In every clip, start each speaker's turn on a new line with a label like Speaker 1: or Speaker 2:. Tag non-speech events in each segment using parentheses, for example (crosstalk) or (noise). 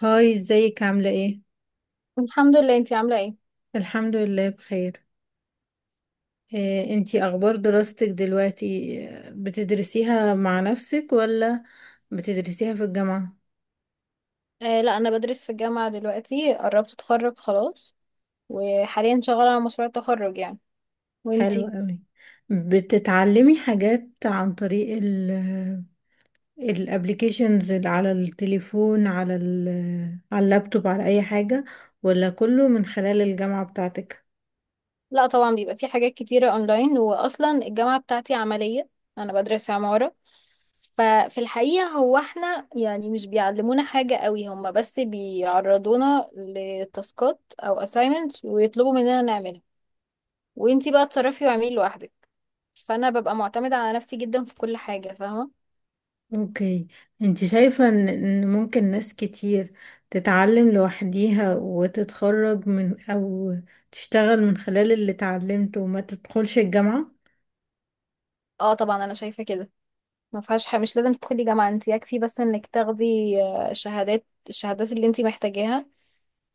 Speaker 1: هاي ازيك عاملة ايه؟
Speaker 2: الحمد لله. انتي عاملة ايه؟
Speaker 1: الحمد لله بخير. انتي اخبار دراستك دلوقتي، بتدرسيها مع نفسك ولا بتدرسيها في الجامعة؟
Speaker 2: لا، انا بدرس في الجامعة دلوقتي، قربت اتخرج خلاص، وحاليا شغالة على مشروع التخرج يعني.
Speaker 1: حلو
Speaker 2: وانتي؟
Speaker 1: قوي. بتتعلمي حاجات عن طريق الابليكيشنز اللي على التليفون، على ال على اللابتوب، على اي حاجة، ولا كله من خلال الجامعة بتاعتك؟
Speaker 2: لا طبعا، بيبقى في حاجات كتيرة اونلاين، واصلا الجامعة بتاعتي عملية. انا بدرس عمارة، ففي الحقيقة هو احنا يعني مش بيعلمونا حاجة قوي، هما بس بيعرضونا لتاسكات او assignments ويطلبوا مننا نعملها، وانتي بقى تصرفي واعملي لوحدك. فانا ببقى معتمدة على نفسي جدا في كل حاجة، فاهمة؟
Speaker 1: اوكي. انت شايفة ان ممكن ناس كتير تتعلم لوحديها وتتخرج، من او تشتغل من خلال اللي اتعلمته وما تدخلش الجامعة؟
Speaker 2: اه طبعا انا شايفة كده، ما فيهاش حاجة. مش لازم تدخلي جامعة انت، يكفي بس انك تاخدي آه، شهادات الشهادات اللي انت محتاجاها.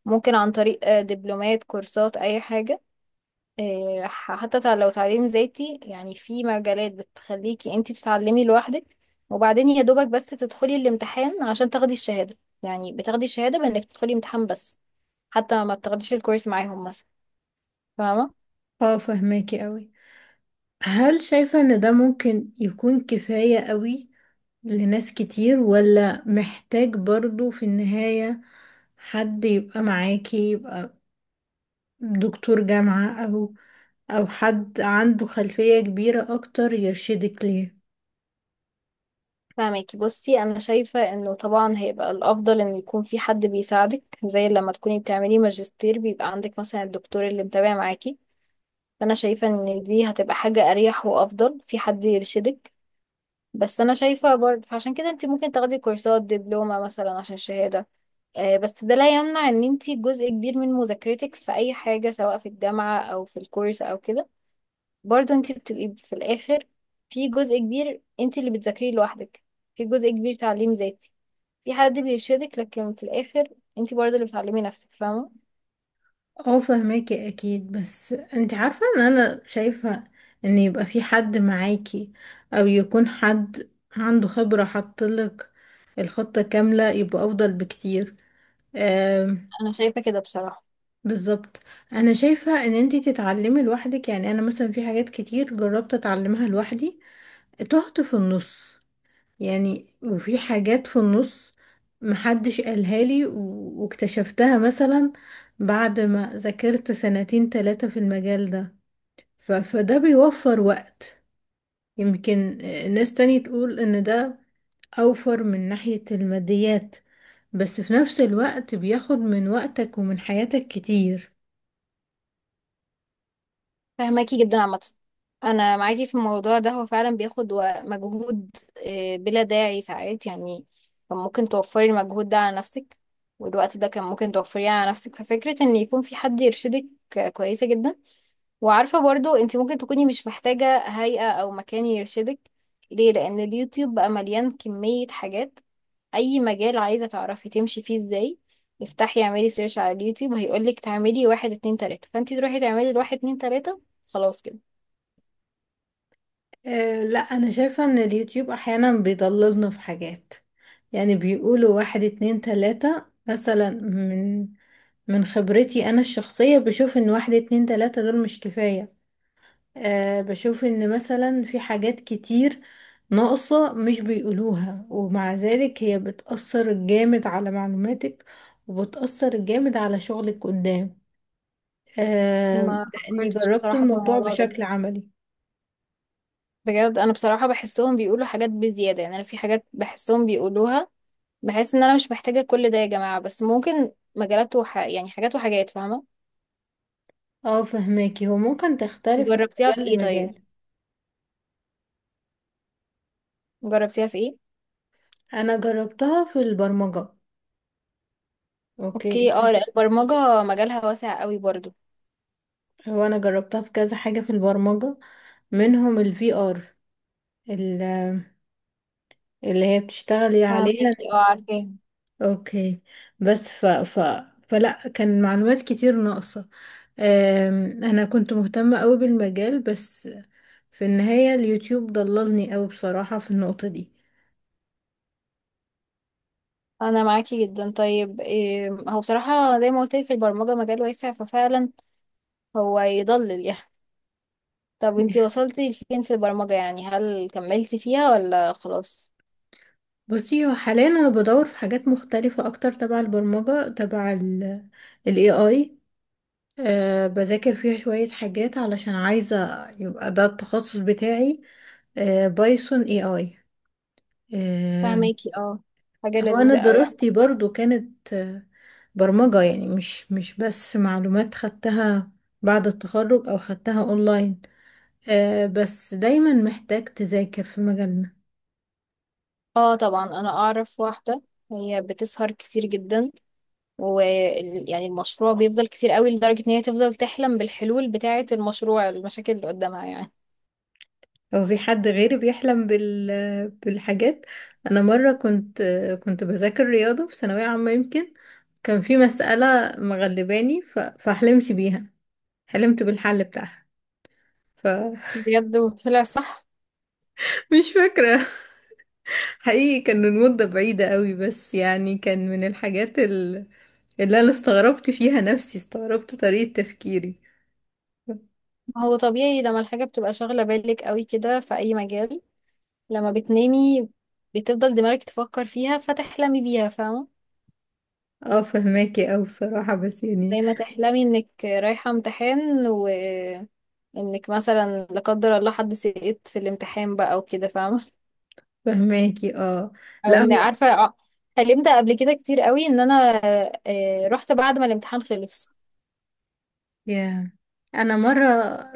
Speaker 2: ممكن عن طريق دبلومات، كورسات، اي حاجة. لو تعليم ذاتي يعني، في مجالات بتخليكي انت تتعلمي لوحدك، وبعدين يا دوبك بس تدخلي الامتحان عشان تاخدي الشهادة. يعني بتاخدي الشهادة بانك تدخلي امتحان بس، حتى ما بتاخديش الكورس معاهم مثلا. فاهمة؟
Speaker 1: اه، فهماكي قوي. هل شايفة ان ده ممكن يكون كفاية قوي لناس كتير، ولا محتاج برضو في النهاية حد يبقى معاكي، يبقى دكتور جامعة او حد عنده خلفية كبيرة اكتر يرشدك ليه؟
Speaker 2: فاهمك. بصي انا شايفه انه طبعا هيبقى الافضل ان يكون في حد بيساعدك، زي لما تكوني بتعملي ماجستير بيبقى عندك مثلا الدكتور اللي متابع معاكي. فانا شايفه ان دي هتبقى حاجه اريح وافضل، في حد يرشدك. بس انا شايفه برضه، فعشان كده انت ممكن تاخدي كورسات، دبلومه مثلا، عشان الشهاده. بس ده لا يمنع ان انت جزء كبير من مذاكرتك في اي حاجه، سواء في الجامعه او في الكورس او كده، برضه انت بتبقي في الاخر في جزء كبير انت اللي بتذاكريه لوحدك. في جزء كبير تعليم ذاتي، في حد بيرشدك، لكن في الآخر انتي برضه اللي بتعلمي نفسك، فاهمة؟
Speaker 1: اه، فهماكي اكيد، بس انت عارفة ان انا شايفة ان يبقى في حد معاكي او يكون حد عنده خبرة حطلك الخطة كاملة يبقى افضل بكتير. آم،
Speaker 2: أنا شايفة كده بصراحة.
Speaker 1: بالظبط. انا شايفة ان انت تتعلمي لوحدك، يعني انا مثلا في حاجات كتير جربت اتعلمها لوحدي، تهت في النص. يعني وفي حاجات في النص محدش قالها لي واكتشفتها مثلا بعد ما ذاكرت سنتين تلاتة في المجال ده. فده بيوفر وقت. يمكن ناس تاني تقول ان ده اوفر من ناحية الماديات، بس في نفس الوقت بياخد من وقتك ومن حياتك كتير.
Speaker 2: فاهماكي جدا. عامة أنا معاكي في الموضوع ده، هو فعلا بياخد مجهود بلا داعي ساعات يعني. كان ممكن توفري المجهود ده على نفسك، والوقت ده كان ممكن توفريه على نفسك، ففكرة إن يكون في حد يرشدك كويسة جدا. وعارفة برضه انتي ممكن تكوني مش محتاجة هيئة أو مكان يرشدك. ليه؟ لأن اليوتيوب بقى مليان كمية حاجات. اي مجال عايزة تعرفي تمشي فيه ازاي، افتحي اعملي سيرش على اليوتيوب، هيقولك تعملي واحد اتنين تلاتة، فانتي تروحي تعملي الواحد اتنين تلاتة، خلاص كده.
Speaker 1: أه لا، انا شايفة ان اليوتيوب احيانا بيضللنا في حاجات. يعني بيقولوا واحد اتنين تلاتة مثلا، من خبرتي انا الشخصية بشوف ان واحد اتنين تلاتة دول مش كفاية. أه بشوف ان مثلا في حاجات كتير ناقصة مش بيقولوها، ومع ذلك هي بتأثر جامد على معلوماتك وبتأثر جامد على شغلك قدام. أه
Speaker 2: ما
Speaker 1: لاني
Speaker 2: فكرتش
Speaker 1: جربت
Speaker 2: بصراحة في
Speaker 1: الموضوع
Speaker 2: الموضوع ده.
Speaker 1: بشكل عملي.
Speaker 2: بجد انا بصراحة بحسهم بيقولوا حاجات بزيادة، يعني انا في حاجات بحسهم بيقولوها بحس ان انا مش محتاجة كل ده يا جماعة، بس ممكن مجالات يعني حاجات وحاجات، فاهمة؟
Speaker 1: اه فهماكي، هو ممكن تختلف من
Speaker 2: جربتيها في
Speaker 1: مجال
Speaker 2: ايه طيب؟
Speaker 1: لمجال.
Speaker 2: جربتيها في ايه؟
Speaker 1: انا جربتها في البرمجة. اوكي،
Speaker 2: اوكي. اه لا
Speaker 1: اكتشفت.
Speaker 2: البرمجة مجالها واسع قوي برضو.
Speaker 1: هو انا جربتها في كذا حاجة في البرمجة، منهم الفي ار اللي هي بتشتغلي عليها.
Speaker 2: فاهمكي. اه عارفاه.
Speaker 1: اوكي. بس ف ف فلا كان معلومات كتير ناقصة. انا كنت مهتمة قوي بالمجال، بس في النهاية اليوتيوب ضللني قوي بصراحة في النقطة دي.
Speaker 2: انا معاكي جدا. طيب إيه، هو بصراحة زي ما قلت لك في البرمجة مجال واسع، ففعلا هو يضلل يعني. طب انتي وصلتي لفين في البرمجة يعني؟ هل كملتي فيها ولا خلاص؟
Speaker 1: بصي، هو حاليا انا بدور في حاجات مختلفة اكتر تبع البرمجة، تبع ال AI. أه بذاكر فيها شوية حاجات علشان عايزة يبقى ده التخصص بتاعي. أه، بايثون AI. أه،
Speaker 2: فهماكي. اه حاجة
Speaker 1: هو انا
Speaker 2: لذيذة قوي يعني.
Speaker 1: دراستي برضو كانت، برمجة. يعني مش بس معلومات خدتها بعد التخرج او خدتها اونلاين. أه بس دايما محتاج تذاكر في مجال.
Speaker 2: اه طبعا. انا اعرف واحدة هي بتسهر كتير جدا، ويعني المشروع بيفضل كتير قوي لدرجة ان هي تفضل تحلم بالحلول بتاعة المشروع، المشاكل اللي قدامها يعني.
Speaker 1: هو في حد غيري بيحلم بالحاجات؟ انا مره كنت بذاكر رياضه في ثانويه عامه. يمكن كان في مساله مغلباني فحلمت بيها، حلمت بالحل بتاعها. ف (laughs)
Speaker 2: بجد؟ وطلع صح؟
Speaker 1: مش فاكره حقيقي، كان المده بعيده قوي، بس يعني كان من الحاجات اللي انا استغربت فيها نفسي، استغربت طريقه تفكيري.
Speaker 2: ما هو طبيعي لما الحاجة بتبقى شاغلة بالك قوي كده في اي مجال، لما بتنامي بتفضل دماغك تفكر فيها فتحلمي بيها، فاهمة؟
Speaker 1: اه فهماكي، او بصراحه بس يعني.
Speaker 2: زي ما تحلمي انك رايحة امتحان، وانك مثلا لا قدر الله حد سقط في الامتحان بقى وكده، فاهمة؟
Speaker 1: فهماكي اه.
Speaker 2: او
Speaker 1: لا
Speaker 2: ان
Speaker 1: هو.
Speaker 2: عارفة حلمت قبل كده كتير قوي ان انا رحت بعد ما الامتحان خلص.
Speaker 1: يا انا مره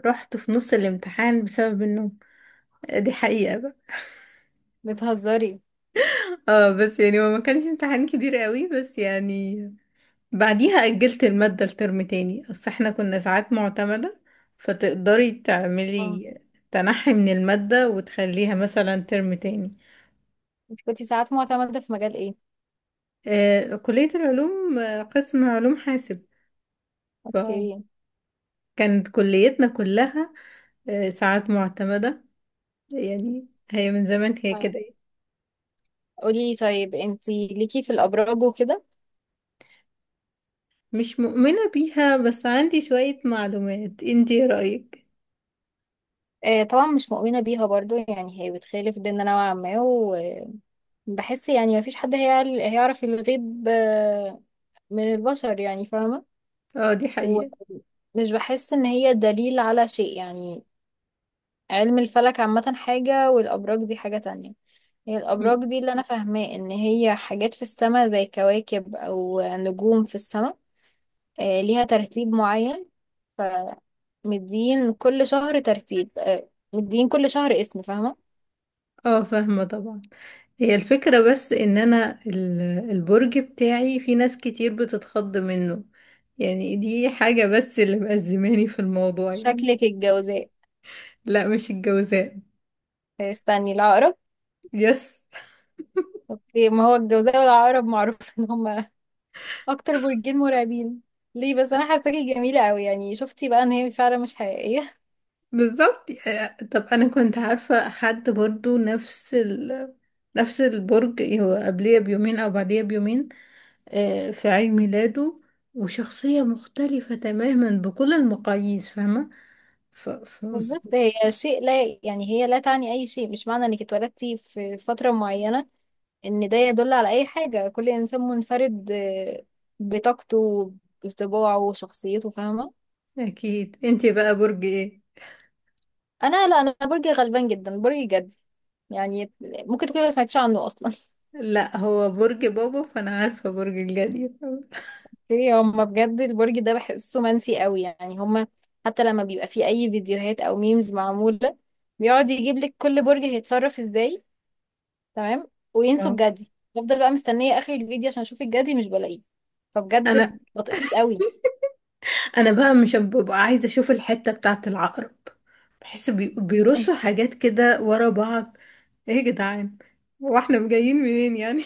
Speaker 1: رحت في نص الامتحان بسبب النوم، دي حقيقه بقى.
Speaker 2: بتهزري؟
Speaker 1: (laughs) اه بس يعني هو ما كانش امتحان كبير قوي، بس يعني بعديها اجلت الماده لترم تاني، اصل احنا كنا ساعات معتمده. فتقدري
Speaker 2: اه.
Speaker 1: تعملي تنحي من الماده وتخليها مثلا ترم تاني.
Speaker 2: انت كنتي ساعات معتمدة في مجال ايه؟
Speaker 1: آه، كليه العلوم، قسم علوم حاسب. فكانت
Speaker 2: اوكي.
Speaker 1: كليتنا كلها، ساعات معتمده، يعني هي من زمان هي
Speaker 2: طيب
Speaker 1: كده.
Speaker 2: قولي، طيب انتي ليكي في الابراج وكده؟
Speaker 1: مش مؤمنة بيها، بس عندي شوية معلومات، انتي ايه رأيك؟
Speaker 2: طبعا مش مؤمنة بيها برضو، يعني هي بتخالف ديننا نوعا ما. بحس يعني مفيش حد هيعرف الغيب من البشر يعني، فاهمة؟
Speaker 1: اه دي حقيقة.
Speaker 2: ومش بحس ان هي دليل على شيء يعني. علم الفلك عامة حاجة والأبراج دي حاجة تانية. هي
Speaker 1: م-
Speaker 2: الأبراج دي اللي أنا فاهماه إن هي حاجات في السماء، زي كواكب أو نجوم في السماء، ليها ترتيب معين. فمدين كل شهر ترتيب، مدين كل شهر اسم، فاهمة؟
Speaker 1: اه فاهمة طبعا. هي الفكرة بس ان انا البرج بتاعي في ناس كتير بتتخض منه، يعني دي حاجة بس اللي مأزماني في الموضوع يعني.
Speaker 2: شكلك الجوزاء.
Speaker 1: لا، مش الجوزاء.
Speaker 2: استني، العقرب؟
Speaker 1: يس.
Speaker 2: اوكي، ما هو الجوزاء والعقرب معروف (laughs) ان هم اكتر برجين مرعبين. ليه بس، انا حاساكي جميله قوي يعني، شفتي بقى ان هي فعلا مش حقيقيه؟
Speaker 1: بالظبط. طب انا كنت عارفة حد برضو نفس نفس البرج، هو قبليه بيومين او بعديه بيومين، في عيد ميلاده، وشخصية مختلفة تماما بكل المقاييس، فاهمة؟ ف... ف...
Speaker 2: بالظبط، هي شيء لا يعني، هي لا تعني اي شيء. مش معنى انك اتولدتي في فتره معينه ان ده يدل على اي حاجه. كل انسان منفرد بطاقته، بطباعه وشخصيته، فاهمه؟
Speaker 1: أكيد. انتي بقى برج ايه؟
Speaker 2: انا؟ لا، انا برجي غلبان جدا، برجي جدي. يعني ممكن تكوني ما سمعتيش عنه اصلا.
Speaker 1: لا، هو برج بابا فأنا عارفة برج الجدي.
Speaker 2: ايه هما، بجد البرج ده بحسه منسي قوي يعني. هما حتى لما بيبقى فيه اي فيديوهات او ميمز معمولة، بيقعد يجيب لك كل برج هيتصرف ازاي، تمام، وينسوا
Speaker 1: اه.
Speaker 2: الجدي. بفضل بقى مستنية اخر الفيديو عشان اشوف الجدي مش بلاقيه.
Speaker 1: أنا
Speaker 2: فبجد بطيء قوي.
Speaker 1: بقى مش ببقى عايزة أشوف الحتة بتاعة العقرب، بحس بيرصوا
Speaker 2: (laughs)
Speaker 1: حاجات كده ورا بعض. ايه يا جدعان، واحنا جايين منين يعني.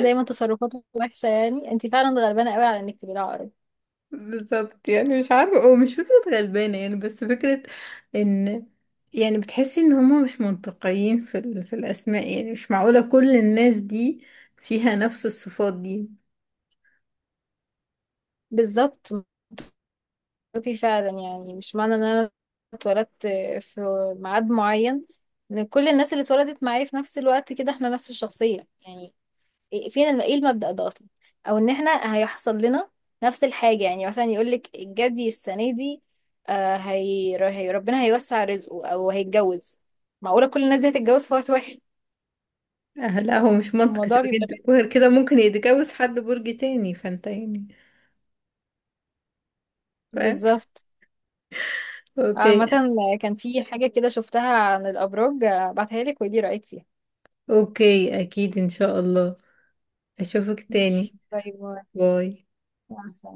Speaker 2: دايما تصرفاته وحشة يعني. انت فعلا غلبانة قوي على انك تبقي العقرب.
Speaker 1: بالظبط، يعني مش عارفة، ومش فكرة غلبانة يعني، بس فكرة ان، يعني بتحسي ان هما مش منطقيين في في الاسماء، يعني مش معقولة كل الناس دي فيها نفس الصفات دي.
Speaker 2: بالظبط، معروفي فعلا. يعني مش معنى ان انا اتولدت في ميعاد معين ان كل الناس اللي اتولدت معايا في نفس الوقت كده احنا نفس الشخصية يعني. ايه المبدأ ده اصلا؟ او ان احنا هيحصل لنا نفس الحاجة. يعني مثلا يقولك الجدي السنة دي هي ربنا هيوسع رزقه او هيتجوز. معقولة كل الناس دي هتتجوز في وقت واحد؟
Speaker 1: آه لا، هو مش منطقي.
Speaker 2: الموضوع
Speaker 1: سيبك
Speaker 2: بيبقى
Speaker 1: انت،
Speaker 2: غريب.
Speaker 1: وغير كده ممكن يتجوز حد برج تاني فانت يعني. فاهم.
Speaker 2: بالظبط. عامة
Speaker 1: اوكي.
Speaker 2: كان في حاجة كده شفتها عن الأبراج، بعتها لك ودي رأيك فيها.
Speaker 1: اوكي، اكيد ان شاء الله. اشوفك
Speaker 2: ماشي،
Speaker 1: تاني.
Speaker 2: باي باي.
Speaker 1: باي.
Speaker 2: مع السلامة.